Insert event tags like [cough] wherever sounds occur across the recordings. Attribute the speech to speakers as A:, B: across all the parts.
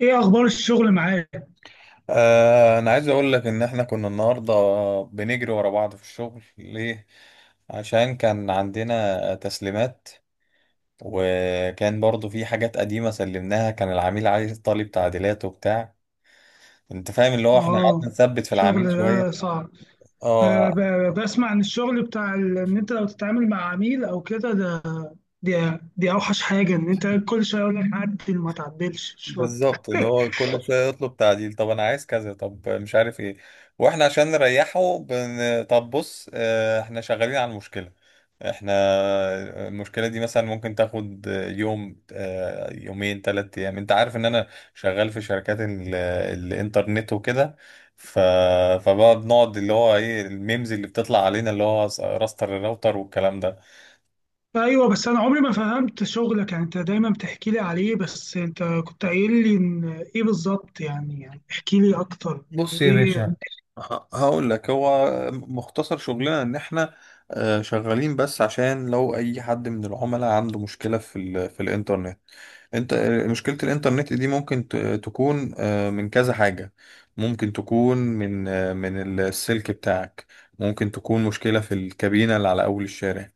A: ايه اخبار الشغل معاك؟
B: انا عايز اقول لك ان احنا كنا النهارده بنجري ورا بعض في الشغل ليه عشان كان عندنا تسليمات، وكان برضو في حاجات قديمة سلمناها كان العميل عايز طالب تعديلات وبتاع. انت فاهم اللي هو احنا
A: اه.
B: قعدنا نثبت في
A: الشغل
B: العميل
A: ده
B: شوية.
A: صعب. أنا
B: اه
A: بسمع عن الشغل بتاع ان انت لو تتعامل مع عميل او كده ده. دي اوحش حاجه ان انت كل شويه يقول لك عدل ما تعدلش شغل.
B: بالظبط، اللي هو كل شويه يطلب تعديل، طب انا عايز كذا طب مش عارف ايه. واحنا عشان نريحه طب بص، احنا شغالين على المشكله. احنا المشكله دي مثلا ممكن تاخد يوم، يومين، 3 ايام. انت عارف ان انا شغال في شركات الانترنت وكده. ف... فبقى بنقعد اللي هو ايه الميمز اللي بتطلع علينا، اللي هو راستر الراوتر والكلام ده.
A: ايوه، بس انا عمري ما فهمت شغلك، يعني انت دايما بتحكي لي عليه بس انت كنت قايل لي ان ايه بالظبط يعني احكي لي اكتر يعني
B: بص يا
A: ايه.
B: باشا، هقول لك هو مختصر شغلنا ان احنا شغالين بس عشان لو اي حد من العملاء عنده مشكلة في الانترنت. انت، مشكلة الانترنت دي ممكن تكون من كذا حاجة. ممكن تكون من السلك بتاعك. ممكن تكون مشكلة في الكابينة اللي على اول الشارع.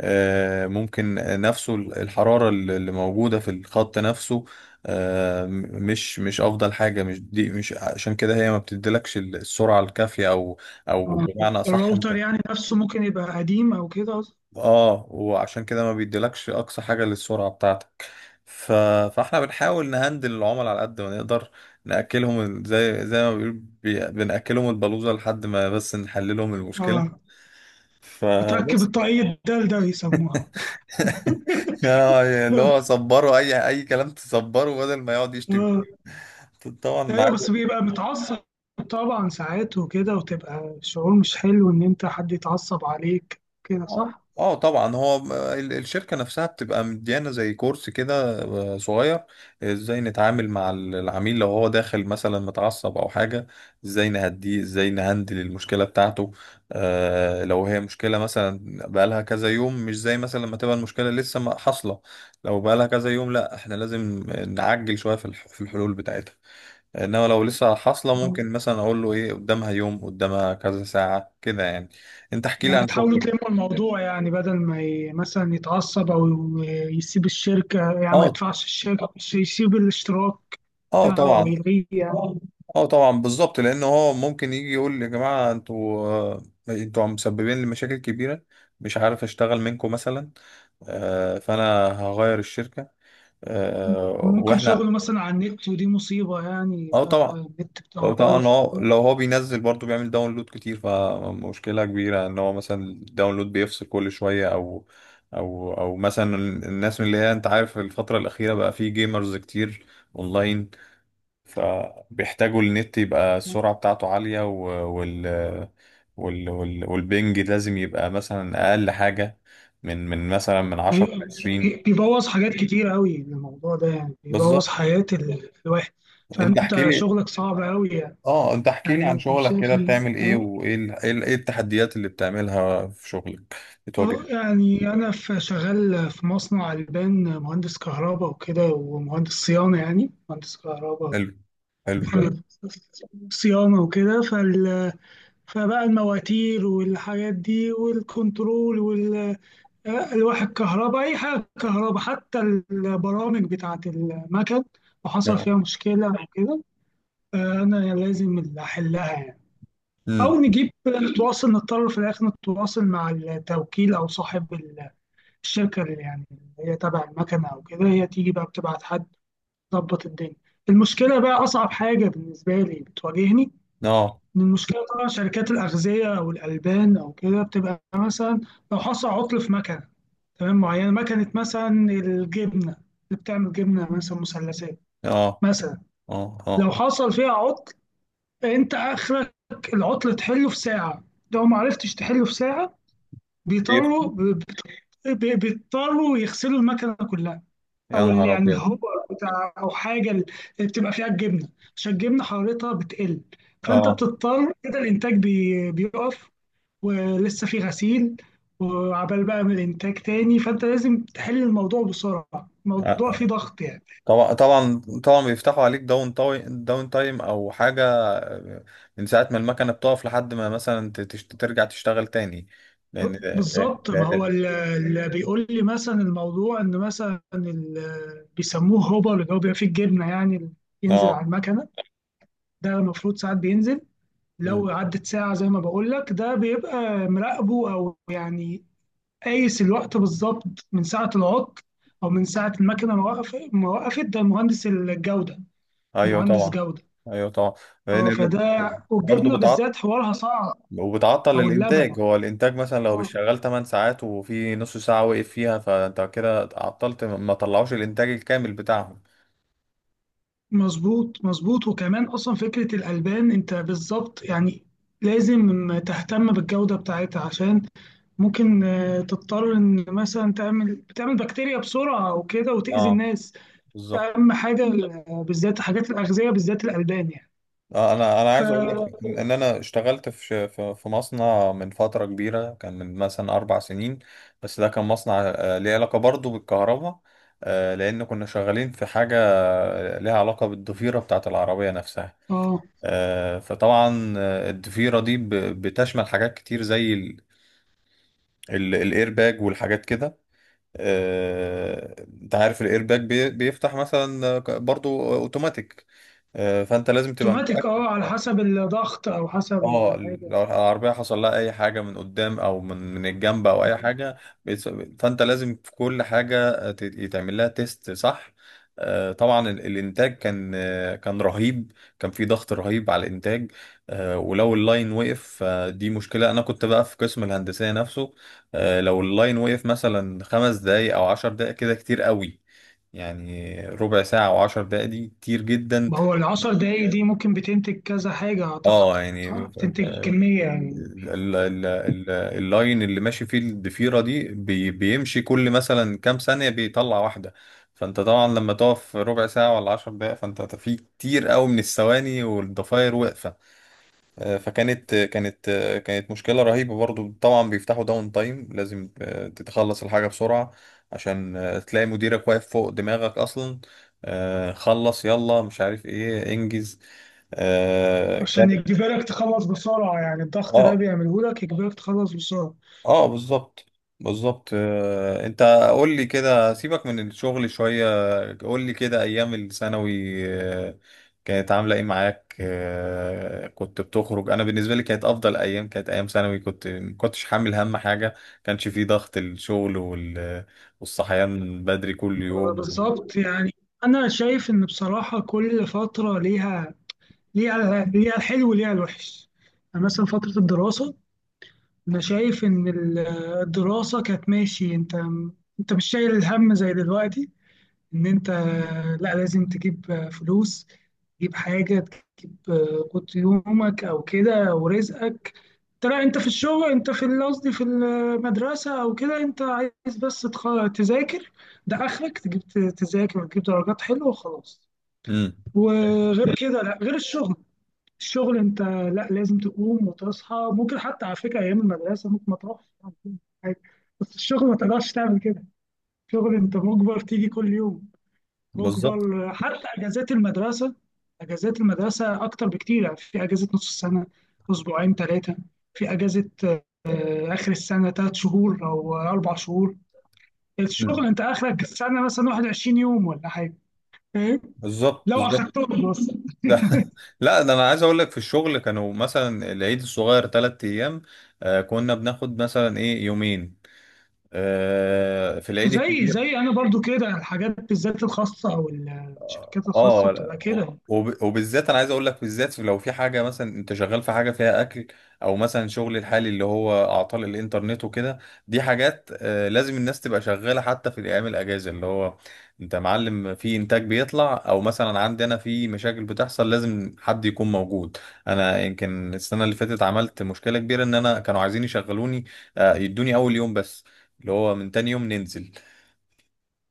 B: ممكن نفسه الحرارة اللي موجودة في الخط نفسه. مش أفضل حاجة، مش دي، مش عشان كده هي ما بتديلكش السرعة الكافية، أو أو
A: آه،
B: بمعنى أصح
A: الراوتر
B: أنت.
A: يعني نفسه ممكن يبقى قديم او كده.
B: وعشان كده ما بيديلكش أقصى حاجة للسرعة بتاعتك. ف... فاحنا بنحاول نهندل العملاء على قد ما نقدر. نأكلهم زي ما بيقول بنأكلهم البلوزة لحد ما، بس نحللهم المشكلة.
A: اه. تركب
B: فبس.
A: التقييد ده بيسموها.
B: اللي هو صبره، اي كلام تصبره بدل ما يقعد يشتم فيه.
A: [laughs]
B: طبعا
A: أيوه، بس
B: عادي.
A: بيبقى متعصب. طبعًا ساعات وكده، وتبقى شعور مش حلو إن أنت حد يتعصب عليك كده،
B: اه،
A: صح؟
B: طبعا هو الشركه نفسها بتبقى مديانه زي كورس كده، صغير. ازاي نتعامل مع العميل لو هو داخل مثلا متعصب او حاجه، ازاي نهديه، ازاي نهندل المشكله بتاعته. آه، لو هي مشكله مثلا بقالها كذا يوم مش زي مثلا لما تبقى المشكله لسه حاصله. لو بقالها كذا يوم لا احنا لازم نعجل شويه في الحلول بتاعتها. انما لو لسه حاصله،
A: آه،
B: ممكن مثلا اقول له ايه قدامها يوم، قدامها كذا ساعه كده يعني. انت احكي لي عن
A: بتحاولوا
B: شغلك.
A: تلمّوا الموضوع يعني بدل ما مثلًا يتعصب أو يسيب الشركة، يعني ما
B: اه،
A: يدفعش الشركة، مش يسيب الاشتراك
B: اه
A: بتاعه أو
B: طبعا،
A: يلغيه يعني.
B: اه طبعا بالظبط، لان هو ممكن يجي يقول لي يا جماعه، انتوا عم مسببين لي مشاكل كبيره، مش عارف اشتغل منكم مثلا. فانا هغير الشركه.
A: ممكن
B: واحنا
A: شغله مثلًا على النت، ودي مصيبة، يعني
B: اه
A: يبقى
B: طبعا.
A: النت بتاعه
B: لو طبعا
A: بايظ.
B: هو لو هو بينزل برضه بيعمل داونلود كتير، فمشكلة كبيرة ان هو مثلا الداونلود بيفصل كل شوية، او مثلا الناس من اللي هي، انت عارف الفترة الأخيرة بقى في جيمرز كتير اونلاين. فبيحتاجوا النت، يبقى السرعة بتاعته عالية، والبنج لازم يبقى مثلا أقل حاجة من مثلا من 10 ل
A: أيوة،
B: 20.
A: بيبوظ حاجات كتير قوي الموضوع ده، يعني بيبوظ
B: بالظبط.
A: حياة الواحد.
B: انت احكي
A: فأنت
B: لي،
A: شغلك صعب قوي يعني.
B: اه انت احكي
A: يعني
B: لي عن
A: أنا
B: شغلك
A: شايف
B: كده،
A: إن
B: بتعمل ايه، وايه ال... ايه ال- إيه التحديات اللي بتعملها في شغلك بتواجهك.
A: يعني أنا في شغال في مصنع ألبان، مهندس كهرباء وكده، ومهندس صيانة، يعني مهندس كهرباء
B: حلو حلو جميل.
A: [laughs] صيانة وكده فبقى المواتير والحاجات دي والكنترول الواحد كهرباء، أي حاجة كهرباء حتى البرامج بتاعة المكن لو حصل
B: اه،
A: فيها مشكلة أو كده، أنا لازم اللي أحلها يعني.
B: امم
A: أو نجيب نتواصل، نضطر في الآخر نتواصل مع التوكيل أو صاحب الشركة، اللي يعني اللي هي تبع المكنة أو كده، هي تيجي بقى بتبعت حد تظبط الدنيا. المشكلة بقى أصعب حاجة بالنسبة لي بتواجهني
B: اه
A: إن المشكلة، طبعا شركات الأغذية أو الألبان أو كده بتبقى مثلا لو حصل عطل في مكنة تمام، معينه، مكنه مثلا الجبنه اللي بتعمل جبنه مثلا مثلثات
B: اه
A: مثلا.
B: اه
A: لو
B: اه
A: حصل فيها عطل انت اخرك العطل تحله في ساعه. لو ما عرفتش تحله في ساعه
B: كتير.
A: بيضطروا ب- بيضطروا يغسلوا المكنه كلها،
B: يا
A: او اللي
B: نهار
A: يعني
B: ابيض.
A: الهوبر بتاع او حاجه اللي بتبقى فيها الجبنه، عشان الجبنه حرارتها بتقل. فانت
B: اه
A: بتضطر كده الانتاج بيقف ولسه في غسيل وعبال بقى من الانتاج تاني، فانت لازم تحل الموضوع بسرعه، الموضوع فيه
B: آه.
A: ضغط يعني.
B: طبعا طبعا طبعا بيفتحوا عليك داون تايم داون تايم او حاجه، آه، من ساعه ما المكنه بتقف لحد ما مثلا ترجع تشتغل تاني.
A: ب- بالظبط، ما هو
B: لان
A: اللي بيقول لي مثلا الموضوع ان مثلا بيسموه هوبر اللي هو بيبقى فيه الجبنه يعني اللي ينزل
B: اه.
A: على المكنه، ده المفروض ساعات بينزل.
B: أمم.
A: لو عدت ساعه، زي ما بقول لك، ده بيبقى مراقبه او يعني قايس الوقت بالظبط من ساعه العطل او من ساعه المكنه ما وقفت، ده مهندس الجوده،
B: ايوه
A: مهندس
B: طبعا،
A: جوده.
B: ايوه طبعا،
A: اه،
B: لان
A: فده،
B: برضه.
A: والجبنه بالذات حوارها صعب،
B: وبتعطل
A: او اللبن.
B: الانتاج، هو الانتاج مثلا لو
A: اه،
B: بيشتغل 8 ساعات وفي نص ساعة وقف فيها، فانت كده عطلت ما طلعوش الانتاج الكامل بتاعهم.
A: مظبوط مظبوط. وكمان اصلا فكره الالبان انت بالظبط يعني لازم تهتم بالجوده بتاعتها، عشان ممكن تضطر ان مثلا بتعمل بكتيريا بسرعه او كده وتاذي
B: اه
A: الناس.
B: بالظبط.
A: ده اهم حاجه، بالذات حاجات الاغذيه بالذات الالبان يعني.
B: انا
A: ف
B: عايز اقول لك ان انا اشتغلت في ش- في في مصنع من فترة كبيرة، كان من مثلا 4 سنين. بس ده كان مصنع، ليه علاقة برضه بالكهرباء. لان كنا شغالين في حاجة ليها علاقة بالضفيرة بتاعة العربية نفسها.
A: اه
B: فطبعا الضفيرة دي بتشمل حاجات كتير زي الايرباج والحاجات كده. آه، انت عارف الايرباج بيفتح مثلا برضو اوتوماتيك. فانت لازم تبقى
A: اوتوماتيك،
B: متاكد.
A: على حسب الضغط او حسب
B: اه.
A: الحاجه.
B: لو العربية حصل لها أي حاجة من قدام، أو من الجنب، أو أي
A: اه.
B: حاجة. بيس- فأنت لازم في كل حاجة يتعمل لها تيست صح. طبعا الإنتاج كان رهيب. كان في ضغط رهيب على الإنتاج. ولو اللاين وقف فدي مشكلة. أنا كنت بقى في قسم الهندسية نفسه. لو اللاين وقف مثلا 5 دقايق أو 10 دقايق كده كتير قوي. يعني ربع ساعة أو 10 دقايق دي كتير جدا.
A: ما هو العشر دقايق دي ممكن بتنتج كذا حاجة أعتقد،
B: اه يعني
A: صح؟ بتنتج كمية يعني.
B: اللاين اللي ماشي فيه الضفيرة دي بيمشي كل مثلا كام ثانية بيطلع واحدة. فانت طبعا لما تقف ربع ساعة ولا 10 دقايق فانت في كتير قوي من الثواني والضفاير واقفة. فكانت كانت مشكلة رهيبة. برضو طبعا بيفتحوا داون تايم، لازم تتخلص الحاجة بسرعة، عشان تلاقي مديرك واقف فوق دماغك اصلا. خلص يلا مش عارف ايه انجز.
A: عشان
B: كانت.
A: يجبرك تخلص بسرعة، يعني الضغط ده
B: اه
A: بيعمله لك يجبرك تخلص بسرعة.
B: اه بالظبط بالظبط. انت قول لي كده سيبك من الشغل شوية، قول لي كده ايام الثانوي. آه، كانت عاملة ايه معاك؟ كنت بتخرج؟ انا بالنسبة لي كانت افضل ايام، كانت ايام ثانوي. كنت ما كنتش حامل هم حاجة، كانش فيه ضغط الشغل والصحيان بدري كل يوم.
A: بالظبط يعني. أنا شايف إن بصراحة كل فترة ليها الحلو وليها الوحش. يعني مثلا فترة الدراسة، أنا شايف إن الدراسة كانت ماشي. أنت مش شايل الهم زي دلوقتي، ان انت لا لازم تجيب فلوس، تجيب حاجه، تجيب قوت يومك او كده ورزقك. انت لا، انت في الشغل، انت في قصدي في المدرسه او كده، انت عايز بس تذاكر. ده اخرك تجيب تذاكر وتجيب درجات حلوه وخلاص.
B: امم
A: وغير كده لا، غير الشغل. الشغل انت لا لازم تقوم وتصحى، ممكن حتى على فكره ايام المدرسه ممكن ما تروحش بس الشغل ما تقدرش تعمل كده. الشغل انت مجبر تيجي كل يوم،
B: بالظبط.
A: مجبر. حتى اجازات المدرسه، اجازات المدرسه اكتر بكتير، يعني في اجازه نص السنه اسبوعين ثلاثه، في اجازه اخر السنه ثلاث شهور او اربع شهور. الشغل
B: مم.
A: انت اخرك السنه مثلا 21 يوم ولا حاجه، فاهم،
B: بالظبط
A: لو
B: بالظبط.
A: اخدتهم بس.
B: ده [laughs] لا ده انا عايز اقول لك في الشغل كانوا مثلا العيد الصغير 3 ايام، آه كنا بناخد مثلا ايه يومين آه في العيد
A: وزي
B: الكبير.
A: زي انا برضو كده الحاجات بالذات الخاصه او الشركات الخاصه
B: اه
A: بتبقى
B: لا،
A: كده.
B: وبالذات انا عايز اقول لك، بالذات لو في حاجه مثلا انت شغال في حاجه فيها اكل، او مثلا شغل الحالي اللي هو اعطال الانترنت وكده، دي حاجات لازم الناس تبقى شغاله حتى في الايام الاجازه. اللي هو انت معلم في انتاج بيطلع، او مثلا عندنا في مشاكل بتحصل لازم حد يكون موجود. انا يمكن السنه اللي فاتت عملت مشكله كبيره، ان انا كانوا عايزين يشغلوني يدوني اول يوم بس، اللي هو من تاني يوم ننزل.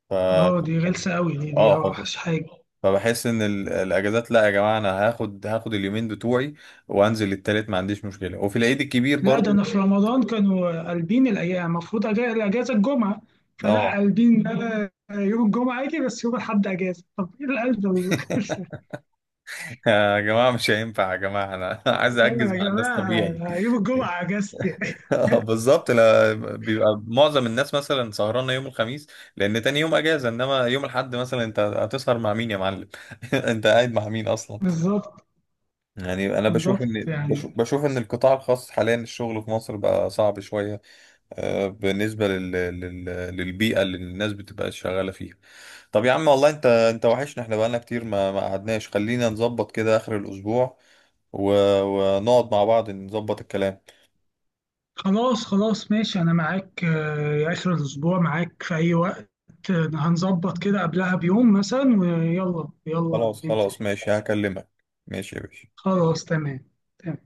B: ف
A: اه، دي غلسه قوي، دي
B: اه.
A: اوحش حاجه.
B: فبحس ان الاجازات، لا يا جماعه انا هاخد اليومين بتوعي وانزل التالت، ما عنديش مشكله، وفي العيد الكبير
A: لا ده
B: برضو.
A: انا في رمضان كانوا قلبين الايام، المفروض الاجازه الجمعه، فلا
B: اه
A: قلبين، ده أنا يوم الجمعه اجي بس، يوم الاحد اجازه، طب ايه القلب ده؟
B: [laughs]
A: [laughs]
B: يا جماعه مش هينفع، يا جماعه انا [laughs] عايز
A: آه
B: اجز
A: يا
B: مع الناس
A: جماعه،
B: طبيعي.
A: أنا يوم
B: [laughs]
A: الجمعه اجازتي. [laughs]
B: بالظبط، لا بيبقى معظم الناس مثلا سهرانه يوم الخميس، لان تاني يوم اجازه. انما يوم الاحد مثلا انت هتسهر مع مين يا معلم؟ [laughs] انت قاعد مع مين اصلا؟
A: بالظبط
B: يعني انا
A: بالظبط يعني.
B: بشوف ان القطاع الخاص حاليا الشغل في مصر بقى صعب شويه. بالنسبة للبيئة اللي الناس بتبقى شغالة فيها. طب يا عم والله، انت وحشنا، احنا بقالنا كتير ما قعدناش، خلينا نظبط كده آخر الأسبوع و... ونقعد مع بعض نظبط الكلام.
A: خلاص خلاص ماشي، انا معاك، يا اخر الاسبوع معاك في اي وقت. هنظبط كده قبلها بيوم مثلا ويلا يلا
B: خلاص
A: ننزل.
B: خلاص ماشي هكلمك. ماشي يا باشا.
A: خلاص تمام تمام.